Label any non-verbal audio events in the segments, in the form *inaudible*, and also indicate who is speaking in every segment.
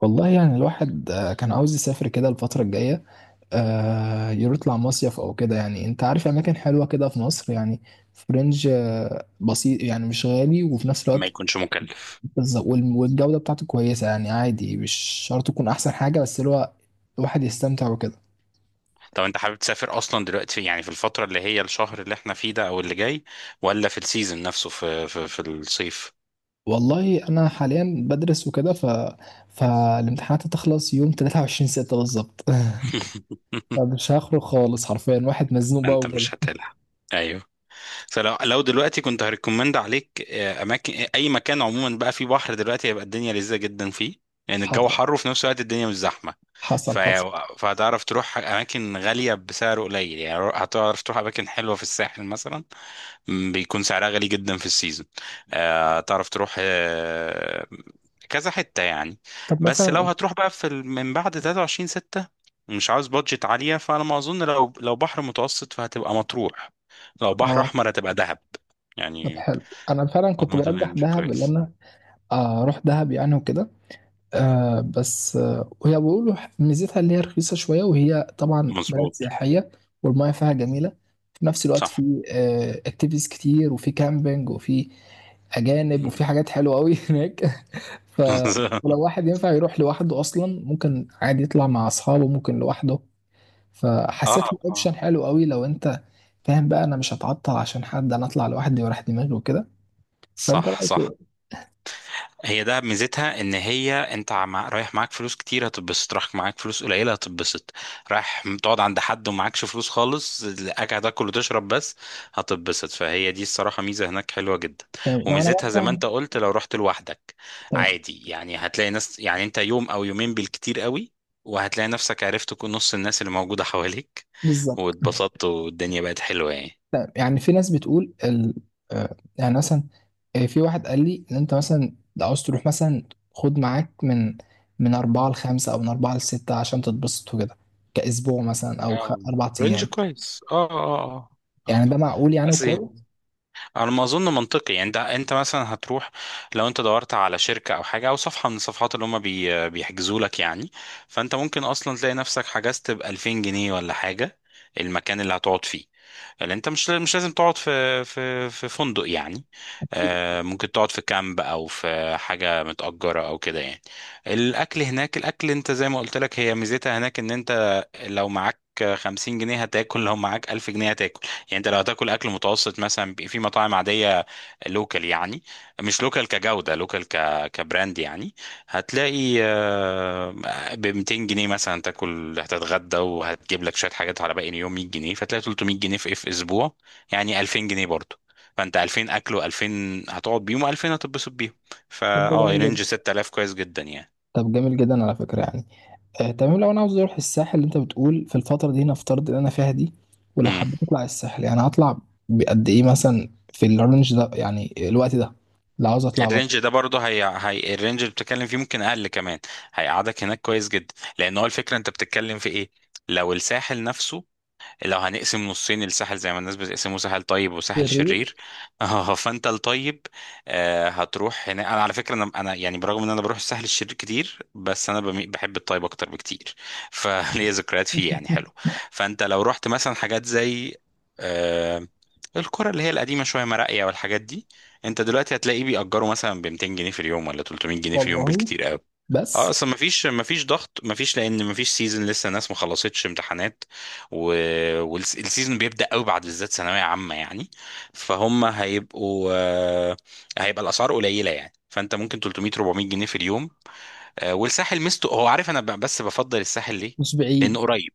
Speaker 1: والله يعني الواحد كان عاوز يسافر كده الفترة الجاية. يطلع مصيف أو كده. يعني أنت عارف أماكن حلوة كده في مصر يعني، في رينج بسيط، يعني مش غالي وفي نفس
Speaker 2: ما
Speaker 1: الوقت
Speaker 2: يكونش مكلف.
Speaker 1: والجودة بتاعته كويسة، يعني عادي، مش شرط تكون أحسن حاجة، بس اللي هو الواحد يستمتع وكده.
Speaker 2: طب انت حابب تسافر اصلا دلوقتي؟ يعني في الفترة اللي هي الشهر اللي احنا فيه ده او اللي جاي، ولا في السيزون نفسه، في الصيف؟
Speaker 1: والله أنا حاليا بدرس وكده فالامتحانات هتخلص يوم 23 ستة بالظبط *laughs*
Speaker 2: *laughs*
Speaker 1: مش هخرج خالص، حرفيا واحد مزنوق بقى
Speaker 2: انت
Speaker 1: وكده.
Speaker 2: مش هتلحق. ايوه. فلو دلوقتي كنت هريكومند عليك اماكن، اي مكان عموما بقى فيه بحر دلوقتي هيبقى الدنيا لذيذة جدا فيه. يعني الجو
Speaker 1: حصل،
Speaker 2: حر وفي نفس الوقت الدنيا مش زحمة.
Speaker 1: حصل
Speaker 2: ف-
Speaker 1: حصل
Speaker 2: فهتعرف تروح أماكن غالية بسعر قليل. يعني هتعرف تروح أماكن حلوة في الساحل مثلا، بيكون سعرها غالي جدا في السيزون. تعرف تروح، كذا حتة يعني.
Speaker 1: طب
Speaker 2: بس لو
Speaker 1: مثلا
Speaker 2: هتروح بقى في من بعد 23 6، مش عاوز بادجت عالية، فأنا ما أظن. لو بحر متوسط فهتبقى مطروح، لو بحر
Speaker 1: اه.
Speaker 2: أحمر هتبقى دهب.
Speaker 1: طب
Speaker 2: يعني
Speaker 1: حلو، انا فعلا كنت
Speaker 2: هما دول
Speaker 1: برجح
Speaker 2: يعني
Speaker 1: دهب اللي
Speaker 2: كويس.
Speaker 1: انا، اروح دهب يعني وكده. آه بس آه، وهي بيقولوا ميزتها اللي هي رخيصه شويه، وهي طبعا بلد
Speaker 2: مظبوط.
Speaker 1: سياحيه والمياه فيها جميله. في نفس الوقت
Speaker 2: صح.
Speaker 1: في اكتيفيتيز كتير، وفي كامبينج، وفي اجانب، وفي حاجات حلوه قوي *laughs* هناك. ف ولو
Speaker 2: *laughs*
Speaker 1: واحد ينفع يروح لوحده اصلا، ممكن عادي يطلع مع اصحابه، ممكن لوحده. فحسيت
Speaker 2: اه. آه.
Speaker 1: الاوبشن حلو قوي لو انت فاهم بقى. انا مش هتعطل عشان حد، انا اطلع لوحدي وراح دماغي وكده. فانت
Speaker 2: صح،
Speaker 1: رايك
Speaker 2: صح.
Speaker 1: إيه؟
Speaker 2: هي دهب ميزتها ان هي انت رايح معاك فلوس كتير هتتبسط، رايح معاك فلوس قليله هتتبسط، رايح تقعد عند حد ومعاكش فلوس خالص قاعد تاكل وتشرب بس هتتبسط. فهي دي الصراحه ميزه هناك حلوه جدا.
Speaker 1: تمام. لو انا
Speaker 2: وميزتها زي ما
Speaker 1: مثلا
Speaker 2: انت قلت لو رحت لوحدك
Speaker 1: تمام.
Speaker 2: عادي، يعني هتلاقي ناس، يعني انت يوم او يومين بالكتير قوي وهتلاقي نفسك عرفت نص الناس اللي موجوده حواليك،
Speaker 1: بالظبط.
Speaker 2: واتبسطت والدنيا بقت حلوه يعني.
Speaker 1: يعني في ناس بتقول ال... آه، يعني مثلا في واحد قال لي ان انت مثلا لو عاوز تروح مثلا، خد معاك من من أربعة لخمسة أو من أربعة لستة عشان تتبسط وكده، كأسبوع مثلا
Speaker 2: آه،
Speaker 1: أربع
Speaker 2: رينج
Speaker 1: أيام
Speaker 2: كويس. اه، اه. اه،
Speaker 1: يعني.
Speaker 2: اه.
Speaker 1: ده معقول يعني
Speaker 2: أصل
Speaker 1: وكويس.
Speaker 2: على ما اظن منطقي يعني، ده انت مثلا هتروح، لو انت دورت على شركه او حاجه او صفحه من الصفحات اللي هم بيحجزوا لك يعني، فانت ممكن اصلا تلاقي نفسك حجزت ب 2000 جنيه ولا حاجه، المكان اللي هتقعد فيه، اللي انت مش لازم تقعد في في فندق يعني،
Speaker 1: أكيد.
Speaker 2: ممكن تقعد في كامب او في حاجه متأجره او كده يعني. الاكل هناك، الاكل انت زي ما قلت لك هي ميزتها هناك ان انت لو معاك 50 جنيه هتاكل، لو معاك 1000 جنيه هتاكل. يعني انت لو هتاكل اكل متوسط مثلا في مطاعم عاديه، لوكال يعني، مش لوكال كجوده، لوكال كبراند يعني، هتلاقي ب 200 جنيه مثلا تاكل، هتتغدى وهتجيب لك شويه حاجات على باقي اليوم 100 جنيه، فتلاقي 300 جنيه في اسبوع، يعني 2000 جنيه برضه. فانت 2000 اكل و2000 هتقعد بيهم و2000 هتتبسط بيهم.
Speaker 1: طب
Speaker 2: فا
Speaker 1: ده
Speaker 2: اه
Speaker 1: جميل
Speaker 2: رينج
Speaker 1: جدا.
Speaker 2: 6000 كويس جدا يعني.
Speaker 1: طب جميل جدا على فكرة يعني. تمام. لو انا عاوز اروح الساحل اللي انت بتقول في الفتره دي، نفترض ان انا فيها دي ولو حبيت اطلع الساحل، يعني هطلع بقد ايه مثلا في الرينج ده يعني الوقت ده، لو عاوز اطلع
Speaker 2: الرينج
Speaker 1: بره.
Speaker 2: ده برضه، هي الرينج اللي بتتكلم فيه ممكن اقل كمان، هيقعدك هناك كويس جدا. لان هو الفكره انت بتتكلم في ايه؟ لو الساحل نفسه، لو هنقسم نصين الساحل زي ما الناس بتقسمه، ساحل طيب وساحل
Speaker 1: شرير
Speaker 2: شرير، *laughs* اه، فانت الطيب هتروح هنا. انا على فكره انا يعني برغم ان انا بروح الساحل الشرير كتير بس انا بحب الطيب اكتر بكتير. *laughs* فليا ذكريات فيه يعني حلو.
Speaker 1: *laughs*
Speaker 2: فانت لو رحت مثلا حاجات زي آه، القرى اللي هي القديمه شويه، مراقيه والحاجات دي، انت دلوقتي هتلاقيه بيأجروا مثلا ب 200 جنيه في اليوم ولا 300 جنيه في اليوم
Speaker 1: والله
Speaker 2: بالكتير قوي. اه،
Speaker 1: بس
Speaker 2: اصل مفيش ضغط، مفيش، لان مفيش سيزون. لسه الناس ما خلصتش امتحانات و... والسيزون بيبدا قوي بعد بالذات ثانويه عامه يعني. فهم هيبقوا آه، هيبقى الاسعار قليله يعني. فانت ممكن 300 400 جنيه في اليوم. والساحل مستو هو عارف انا، بس بفضل الساحل ليه؟
Speaker 1: مش
Speaker 2: لانه
Speaker 1: بعيد.
Speaker 2: قريب.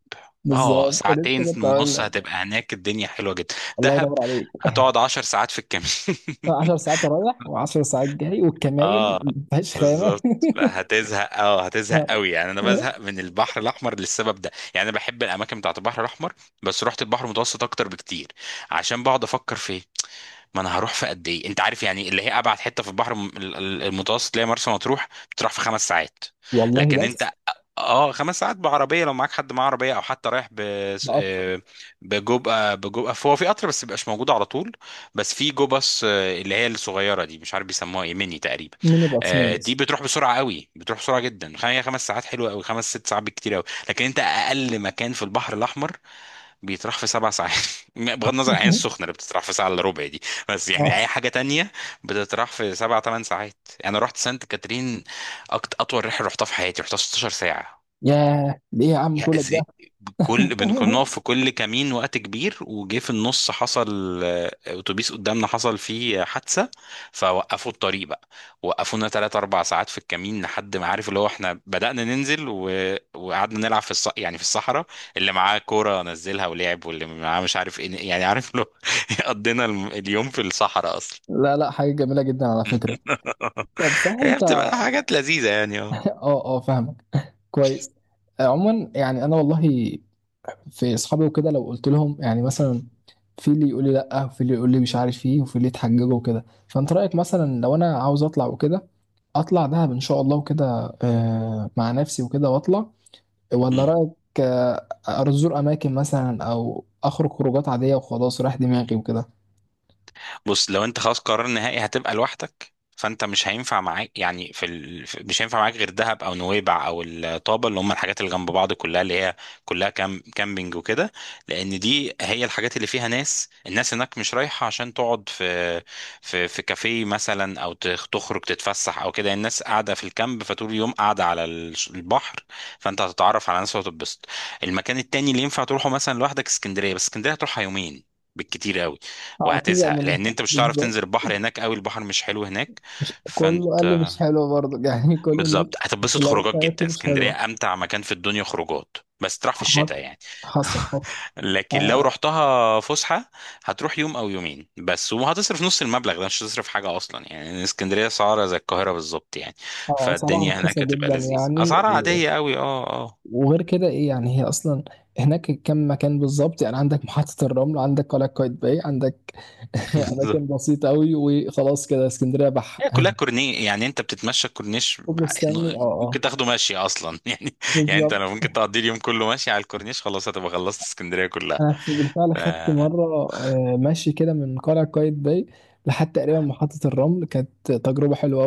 Speaker 2: اه،
Speaker 1: بالظبط،
Speaker 2: ساعتين
Speaker 1: لسه كنت هقول
Speaker 2: ونص
Speaker 1: لك.
Speaker 2: هتبقى هناك الدنيا حلوه جدا.
Speaker 1: الله
Speaker 2: دهب
Speaker 1: ينور عليك
Speaker 2: هتقعد 10 ساعات في الكمين.
Speaker 1: *laughs* 10 ساعات رايح و10
Speaker 2: *laughs*
Speaker 1: ساعات جاي، والكماين
Speaker 2: اه،
Speaker 1: مفيهاش خانه
Speaker 2: بالظبط. لا، هتزهق اه
Speaker 1: *laughs*
Speaker 2: هتزهق
Speaker 1: آه،
Speaker 2: قوي. يعني انا
Speaker 1: آه.
Speaker 2: بزهق من البحر الاحمر للسبب ده. يعني انا بحب الاماكن بتاعت البحر الاحمر بس رحت البحر المتوسط اكتر بكتير. عشان بقعد افكر في إيه؟ ما انا هروح في قد ايه؟ انت عارف يعني، اللي هي ابعد حته في البحر المتوسط اللي هي مرسى مطروح، بتروح في 5 ساعات. لكن
Speaker 1: والله بس
Speaker 2: انت، اه 5 ساعات بعربيه لو معاك حد معاه عربيه، او حتى رايح ب
Speaker 1: بقطر.
Speaker 2: آه، بجو آه، بجو آه، هو في قطر بس مبيبقاش موجود على طول. بس في جو باص، اللي هي الصغيره دي، مش عارف بيسموها ايه، ميني تقريبا.
Speaker 1: ميني بس ميني
Speaker 2: دي
Speaker 1: بس
Speaker 2: بتروح بسرعه قوي، بتروح بسرعه جدا. هي 5 ساعات حلوه قوي، 5-6 ساعات بالكتير قوي. لكن انت اقل مكان في البحر الاحمر بيتراح في 7 ساعات، *laughs* بغض النظر عن العين السخنه
Speaker 1: *laughs*
Speaker 2: اللي بتتراح في ساعه الا ربع دي. بس يعني
Speaker 1: اه.
Speaker 2: اي حاجه تانية بتتراح في 7-8 ساعات. انا رحت سانت كاترين، اطول رحله رحتها في حياتي رحتها 16 ساعه.
Speaker 1: ياه، ليه يا عم
Speaker 2: يا
Speaker 1: كل ده؟
Speaker 2: زي،
Speaker 1: *laughs*
Speaker 2: كل كنا بنقف في كل كمين وقت كبير، وجه في النص حصل اتوبيس قدامنا حصل فيه حادثة. فوقفوا الطريق بقى، وقفونا 3-4 ساعات في الكمين، لحد ما، عارف اللي هو، احنا بدأنا ننزل وقعدنا نلعب يعني في الصحراء. اللي معاه كورة نزلها ولعب، واللي معاه مش عارف ايه، يعني عارف لو، *laughs* قضينا اليوم في الصحراء أصلا.
Speaker 1: لا لا، حاجة جميلة جدا على فكرة.
Speaker 2: *laughs*
Speaker 1: طب صح
Speaker 2: هي
Speaker 1: انت.
Speaker 2: بتبقى حاجات لذيذة
Speaker 1: *laughs*
Speaker 2: يعني.
Speaker 1: اه اه، فاهمك. كويس. عموما يعني انا والله، في اصحابي وكده لو قلت لهم يعني
Speaker 2: اه.
Speaker 1: مثلا، في اللي يقول لي لا، وفي اللي يقول لي مش عارف ايه، وفي اللي يتحججوا وكده. فانت رأيك مثلا لو انا عاوز اطلع وكده، اطلع دهب ان شاء الله وكده، مع نفسي وكده واطلع؟ ولا رأيك ازور اماكن مثلا او اخرج خروجات عادية وخلاص رايح دماغي وكده؟
Speaker 2: بص، لو انت خلاص قرار نهائي هتبقى لوحدك، فانت مش هينفع معاك يعني مش هينفع معاك غير دهب او نويبع او الطابه، اللي هم الحاجات اللي جنب بعض كلها، اللي هي كلها كامبينج وكده. لان دي هي الحاجات اللي فيها ناس. الناس هناك مش رايحه عشان تقعد في في كافيه مثلا، او تخرج تتفسح او كده. الناس قاعده في الكامب فطول اليوم قاعده على البحر. فانت هتتعرف على ناس وهتتبسط. المكان التاني اللي ينفع تروحه مثلا لوحدك اسكندريه، بس اسكندريه هتروحها يومين بالكتير قوي
Speaker 1: اه تزعل
Speaker 2: وهتزهق،
Speaker 1: منها.
Speaker 2: لان انت مش هتعرف
Speaker 1: بالظبط.
Speaker 2: تنزل البحر هناك قوي، البحر مش حلو هناك.
Speaker 1: مش كله قال لي
Speaker 2: فانت
Speaker 1: مش حلوة برضه *laughs* يعني. كل الناس
Speaker 2: بالظبط هتتبسط
Speaker 1: اللي
Speaker 2: خروجات
Speaker 1: عرفتها قالت
Speaker 2: جدا.
Speaker 1: لي مش حلوة.
Speaker 2: اسكندريه امتع مكان في الدنيا خروجات، بس تروح في الشتاء
Speaker 1: حصل،
Speaker 2: يعني.
Speaker 1: حصل.
Speaker 2: *laughs* لكن لو
Speaker 1: آه.
Speaker 2: رحتها فسحه هتروح يوم او يومين بس، وهتصرف نص المبلغ ده مش هتصرف حاجه اصلا. يعني اسكندريه اسعارها زي القاهره بالظبط يعني.
Speaker 1: صراحة
Speaker 2: فالدنيا
Speaker 1: رخيصة
Speaker 2: هناك هتبقى
Speaker 1: جدا
Speaker 2: لذيذه
Speaker 1: يعني
Speaker 2: اسعارها عاديه قوي. اه، اه.
Speaker 1: وغير كده ايه يعني؟ هي اصلا هناك كم مكان بالظبط يعني، عندك محطة الرمل، عندك قلعة قايتباي، عندك *laughs*
Speaker 2: *laughs*
Speaker 1: اماكن بسيطة قوي. وخلاص كده اسكندرية بح *laughs*
Speaker 2: هي كلها كورني، يعني انت بتتمشى الكورنيش،
Speaker 1: كوبري ستانلي، اه اه.
Speaker 2: ممكن تاخده ماشي اصلا *laughs* يعني. يعني انت
Speaker 1: بالظبط.
Speaker 2: لو ممكن تقضي اليوم كله ماشي على الكورنيش خلاص هتبقى خلصت اسكندريه كلها. ف-
Speaker 1: بالفعل خدت
Speaker 2: آه،
Speaker 1: مرة ماشي كده من قلعة قايتباي لحد تقريبا محطة الرمل. كانت تجربة حلوة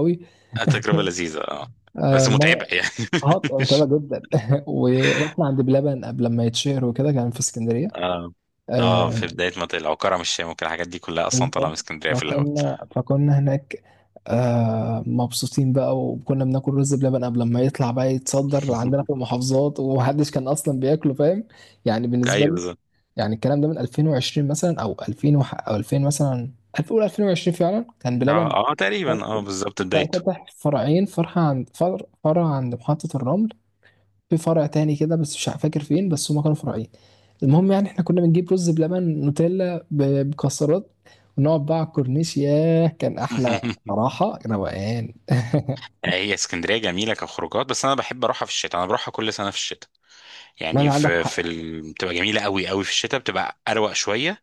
Speaker 2: تجربه لذيذه. اه. بس متعبه
Speaker 1: قوي.
Speaker 2: يعني.
Speaker 1: اه،
Speaker 2: *laughs*
Speaker 1: متابع
Speaker 2: مش
Speaker 1: جدا *laughs* ورحنا عند بلبن قبل ما يتشهر وكده، كان في اسكندريه.
Speaker 2: اه اه في
Speaker 1: آه،
Speaker 2: بدايه ما تقلع وكرم الشام وكل الحاجات دي كلها اصلا طالعه من
Speaker 1: بالظبط.
Speaker 2: اسكندريه في الاول.
Speaker 1: فكنا هناك آه مبسوطين بقى، وكنا بناكل رز بلبن قبل ما يطلع بقى يتصدر عندنا في
Speaker 2: *laughs*
Speaker 1: المحافظات، ومحدش كان اصلا بياكله، فاهم يعني، بالنسبه
Speaker 2: ايوه
Speaker 1: لنا
Speaker 2: بالظبط.
Speaker 1: يعني. الكلام ده من 2020 مثلا، او 2000 مثلا. 2000 قول 2020 فعلا، كان
Speaker 2: اه،
Speaker 1: بلبن
Speaker 2: اه تقريبا. اه، بالظبط بدايته.
Speaker 1: فتح فرعين، فرع عند فرع، فرع عند محطه الرمل، في فرع تاني كده بس مش فاكر فين، بس هما كانوا فرعين. المهم يعني احنا كنا بنجيب رز بلبن نوتيلا بمكسرات، ونقعد بقى على الكورنيش. ياه كان احلى.
Speaker 2: *laughs*
Speaker 1: صراحة روقان *laughs*
Speaker 2: هي اسكندريه جميله كخروجات، بس انا بحب اروحها في الشتاء. انا بروحها كل سنه في الشتاء.
Speaker 1: لا لا،
Speaker 2: يعني
Speaker 1: عندك حق.
Speaker 2: بتبقى جميله قوي قوي في الشتاء، بتبقى اروق شويه.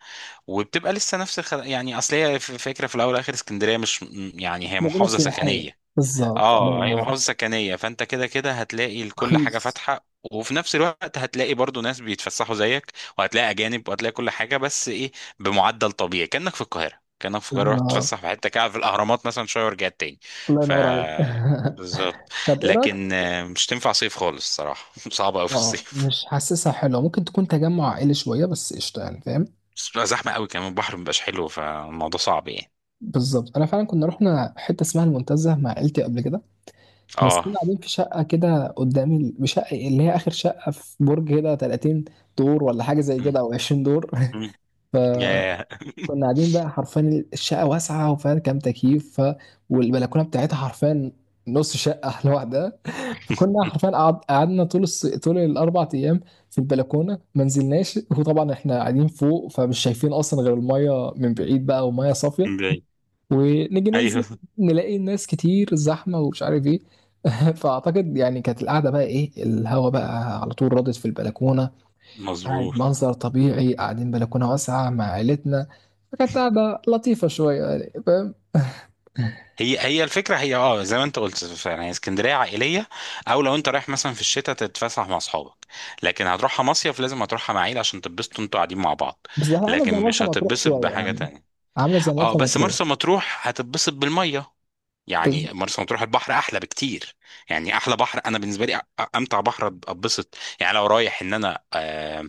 Speaker 2: وبتبقى لسه نفس يعني اصل هي فكره في الاول والاخر، اسكندريه مش يعني
Speaker 1: مش
Speaker 2: هي
Speaker 1: مدينة
Speaker 2: محافظه
Speaker 1: سياحية.
Speaker 2: سكنيه.
Speaker 1: بالظبط الله
Speaker 2: اه، هي
Speaker 1: ينور.
Speaker 2: محافظه سكنيه، فانت كده كده هتلاقي كل حاجه
Speaker 1: رخيص.
Speaker 2: فاتحه، وفي نفس الوقت هتلاقي برضو ناس بيتفسحوا زيك، وهتلاقي اجانب وهتلاقي كل حاجه، بس ايه؟ بمعدل طبيعي، كانك في القاهره، رحت
Speaker 1: بالظبط
Speaker 2: تتفسح في حته كده، في الاهرامات مثلا، شويه ورجعت تاني.
Speaker 1: الله
Speaker 2: ف
Speaker 1: ينور عليك *laughs*
Speaker 2: بالظبط.
Speaker 1: طب ايه رايك؟
Speaker 2: لكن مش تنفع صيف خالص صراحه. *laughs* صعبه قوي في
Speaker 1: اه،
Speaker 2: الصيف،
Speaker 1: مش حاسسها حلوه. ممكن تكون تجمع عائلي شويه، بس قشطه يعني فاهم.
Speaker 2: بس بتبقى زحمة قوي كمان، البحر مبقاش حلو، فالموضوع صعب يعني.
Speaker 1: بالظبط. انا فعلا كنا رحنا حته اسمها المنتزه مع عيلتي قبل كده، بس كنا
Speaker 2: اه.
Speaker 1: قاعدين في شقة كده قدام شقة اللي هي آخر شقة في برج كده، 30 دور ولا حاجة زي
Speaker 2: مم.
Speaker 1: كده أو 20 دور
Speaker 2: مم.
Speaker 1: *laughs*
Speaker 2: ياه.
Speaker 1: فكنا قاعدين بقى حرفيا، الشقة واسعة وفيها كام تكييف والبلكونة بتاعتها حرفيا نص شقة *laughs* لوحدها. فكنا
Speaker 2: *laughs*
Speaker 1: حرفيا قعدنا طول طول الأربع أيام في البلكونة، ما نزلناش. وطبعا احنا قاعدين فوق، فمش شايفين أصلا غير المية من بعيد بقى، ومية صافية.
Speaker 2: باي.
Speaker 1: ونيجي ننزل
Speaker 2: ايوه
Speaker 1: نلاقي ناس كتير زحمه ومش عارف ايه *laughs* فاعتقد يعني كانت القعده بقى ايه، الهوا بقى على طول رادد في البلكونه، قاعد
Speaker 2: مظبوط.
Speaker 1: منظر طبيعي، قاعدين بلكونه واسعه مع عيلتنا. فكانت قاعده لطيفه شويه يعني فاهم.
Speaker 2: هي الفكره، هي، زي ما انت قلت فعلا، هي اسكندريه عائليه، او لو انت رايح مثلا في الشتاء تتفسح مع اصحابك. لكن هتروحها مصيف لازم هتروحها مع عيله عشان تتبسطوا انتوا قاعدين مع بعض،
Speaker 1: بس هي عامله
Speaker 2: لكن
Speaker 1: زي مرسى
Speaker 2: مش
Speaker 1: مطروح
Speaker 2: هتتبسط
Speaker 1: شويه
Speaker 2: بحاجه
Speaker 1: يعني،
Speaker 2: تانية.
Speaker 1: عامله زي
Speaker 2: اه،
Speaker 1: مرسى
Speaker 2: بس
Speaker 1: مطروح.
Speaker 2: مرسى مطروح هتتبسط بالميه.
Speaker 1: بس
Speaker 2: يعني مرسى مطروح البحر احلى بكتير. يعني احلى بحر انا بالنسبه لي، امتع بحر اتبسط، يعني لو رايح ان انا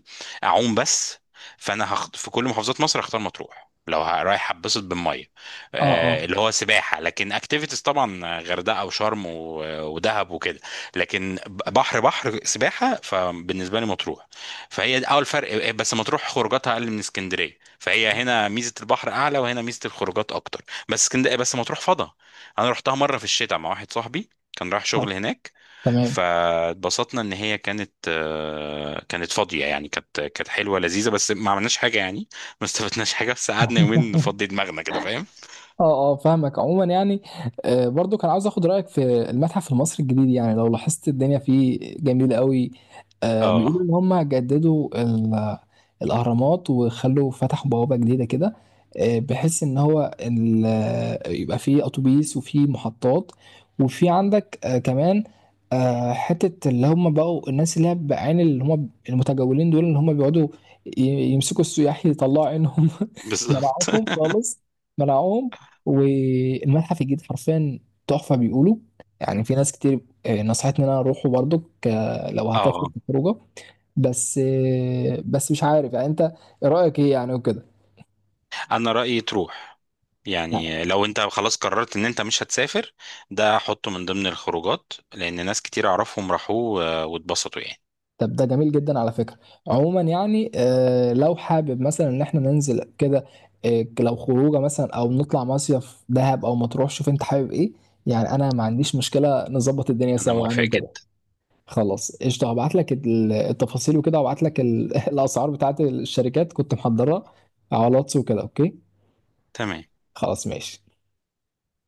Speaker 2: اعوم بس، فانا في كل محافظات مصر هختار مطروح لو رايح اتبسط بالميه،
Speaker 1: اه اه.
Speaker 2: اللي هو سباحه. لكن اكتيفيتيز طبعا غردقه وشرم ودهب وكده. لكن بحر سباحه فبالنسبه لي مطروح. فهي ده اول فرق. بس مطروح خروجاتها اقل من اسكندريه، فهي هنا ميزه البحر اعلى وهنا ميزه الخروجات اكتر. بس اسكندريه، بس مطروح فضا. انا رحتها مره في الشتاء مع واحد صاحبي كان رايح
Speaker 1: آه،
Speaker 2: شغل هناك.
Speaker 1: تمام.
Speaker 2: فاتبسطنا ان هي كانت كانت فاضيه يعني. كانت حلوه لذيذه، بس ما عملناش حاجه يعني. *laughs* ما استفدناش حاجه، بس قعدنا يومين
Speaker 1: *laughs*
Speaker 2: نفضي دماغنا كده فاهم.
Speaker 1: اه اه، فاهمك. عموما يعني برضو كان عاوز اخد رايك في المتحف المصري الجديد. يعني لو لاحظت الدنيا فيه جميله قوي. بيقولوا
Speaker 2: اه،
Speaker 1: ان هم جددوا الاهرامات وخلوا فتحوا بوابه جديده كده، بحيث ان هو ال- آه، يبقى فيه اتوبيس وفيه محطات، وفي عندك كمان حته اللي هم بقوا الناس اللي هي بعين اللي هم المتجولين دول، اللي هم بيقعدوا ي- يمسكوا السياح يطلعوا عينهم *laughs*
Speaker 2: بالظبط.
Speaker 1: ملاعبهم
Speaker 2: *laughs*
Speaker 1: خالص، منعوهم. والمتحف الجديد حرفيا تحفة بيقولوا. يعني في ناس كتير نصحتني ان انا اروحه برضو لو هتاخد
Speaker 2: اه،
Speaker 1: خروجه. بس بس مش عارف يعني انت إيه رأيك ايه يعني وكده.
Speaker 2: انا رايي تروح.
Speaker 1: لا.
Speaker 2: يعني لو انت خلاص قررت ان انت مش هتسافر، ده حطه من ضمن الخروجات، لان ناس كتير اعرفهم راحوا واتبسطوا يعني.
Speaker 1: طب ده جميل جدا على فكرة. عموما يعني لو حابب مثلا ان احنا ننزل كده، لو خروجه مثلا او نطلع مصيف دهب او مطروح، شوف انت حابب ايه. يعني انا ما عنديش مشكلة، نظبط الدنيا
Speaker 2: انا
Speaker 1: سوا يعني
Speaker 2: موافق
Speaker 1: وكده.
Speaker 2: جدا.
Speaker 1: خلاص قشطة. هبعت لك التفاصيل وكده، هبعت لك *laughs* الأسعار بتاعت الشركات كنت محضرها على الواتس وكده. أوكي
Speaker 2: تمام.
Speaker 1: خلاص ماشي.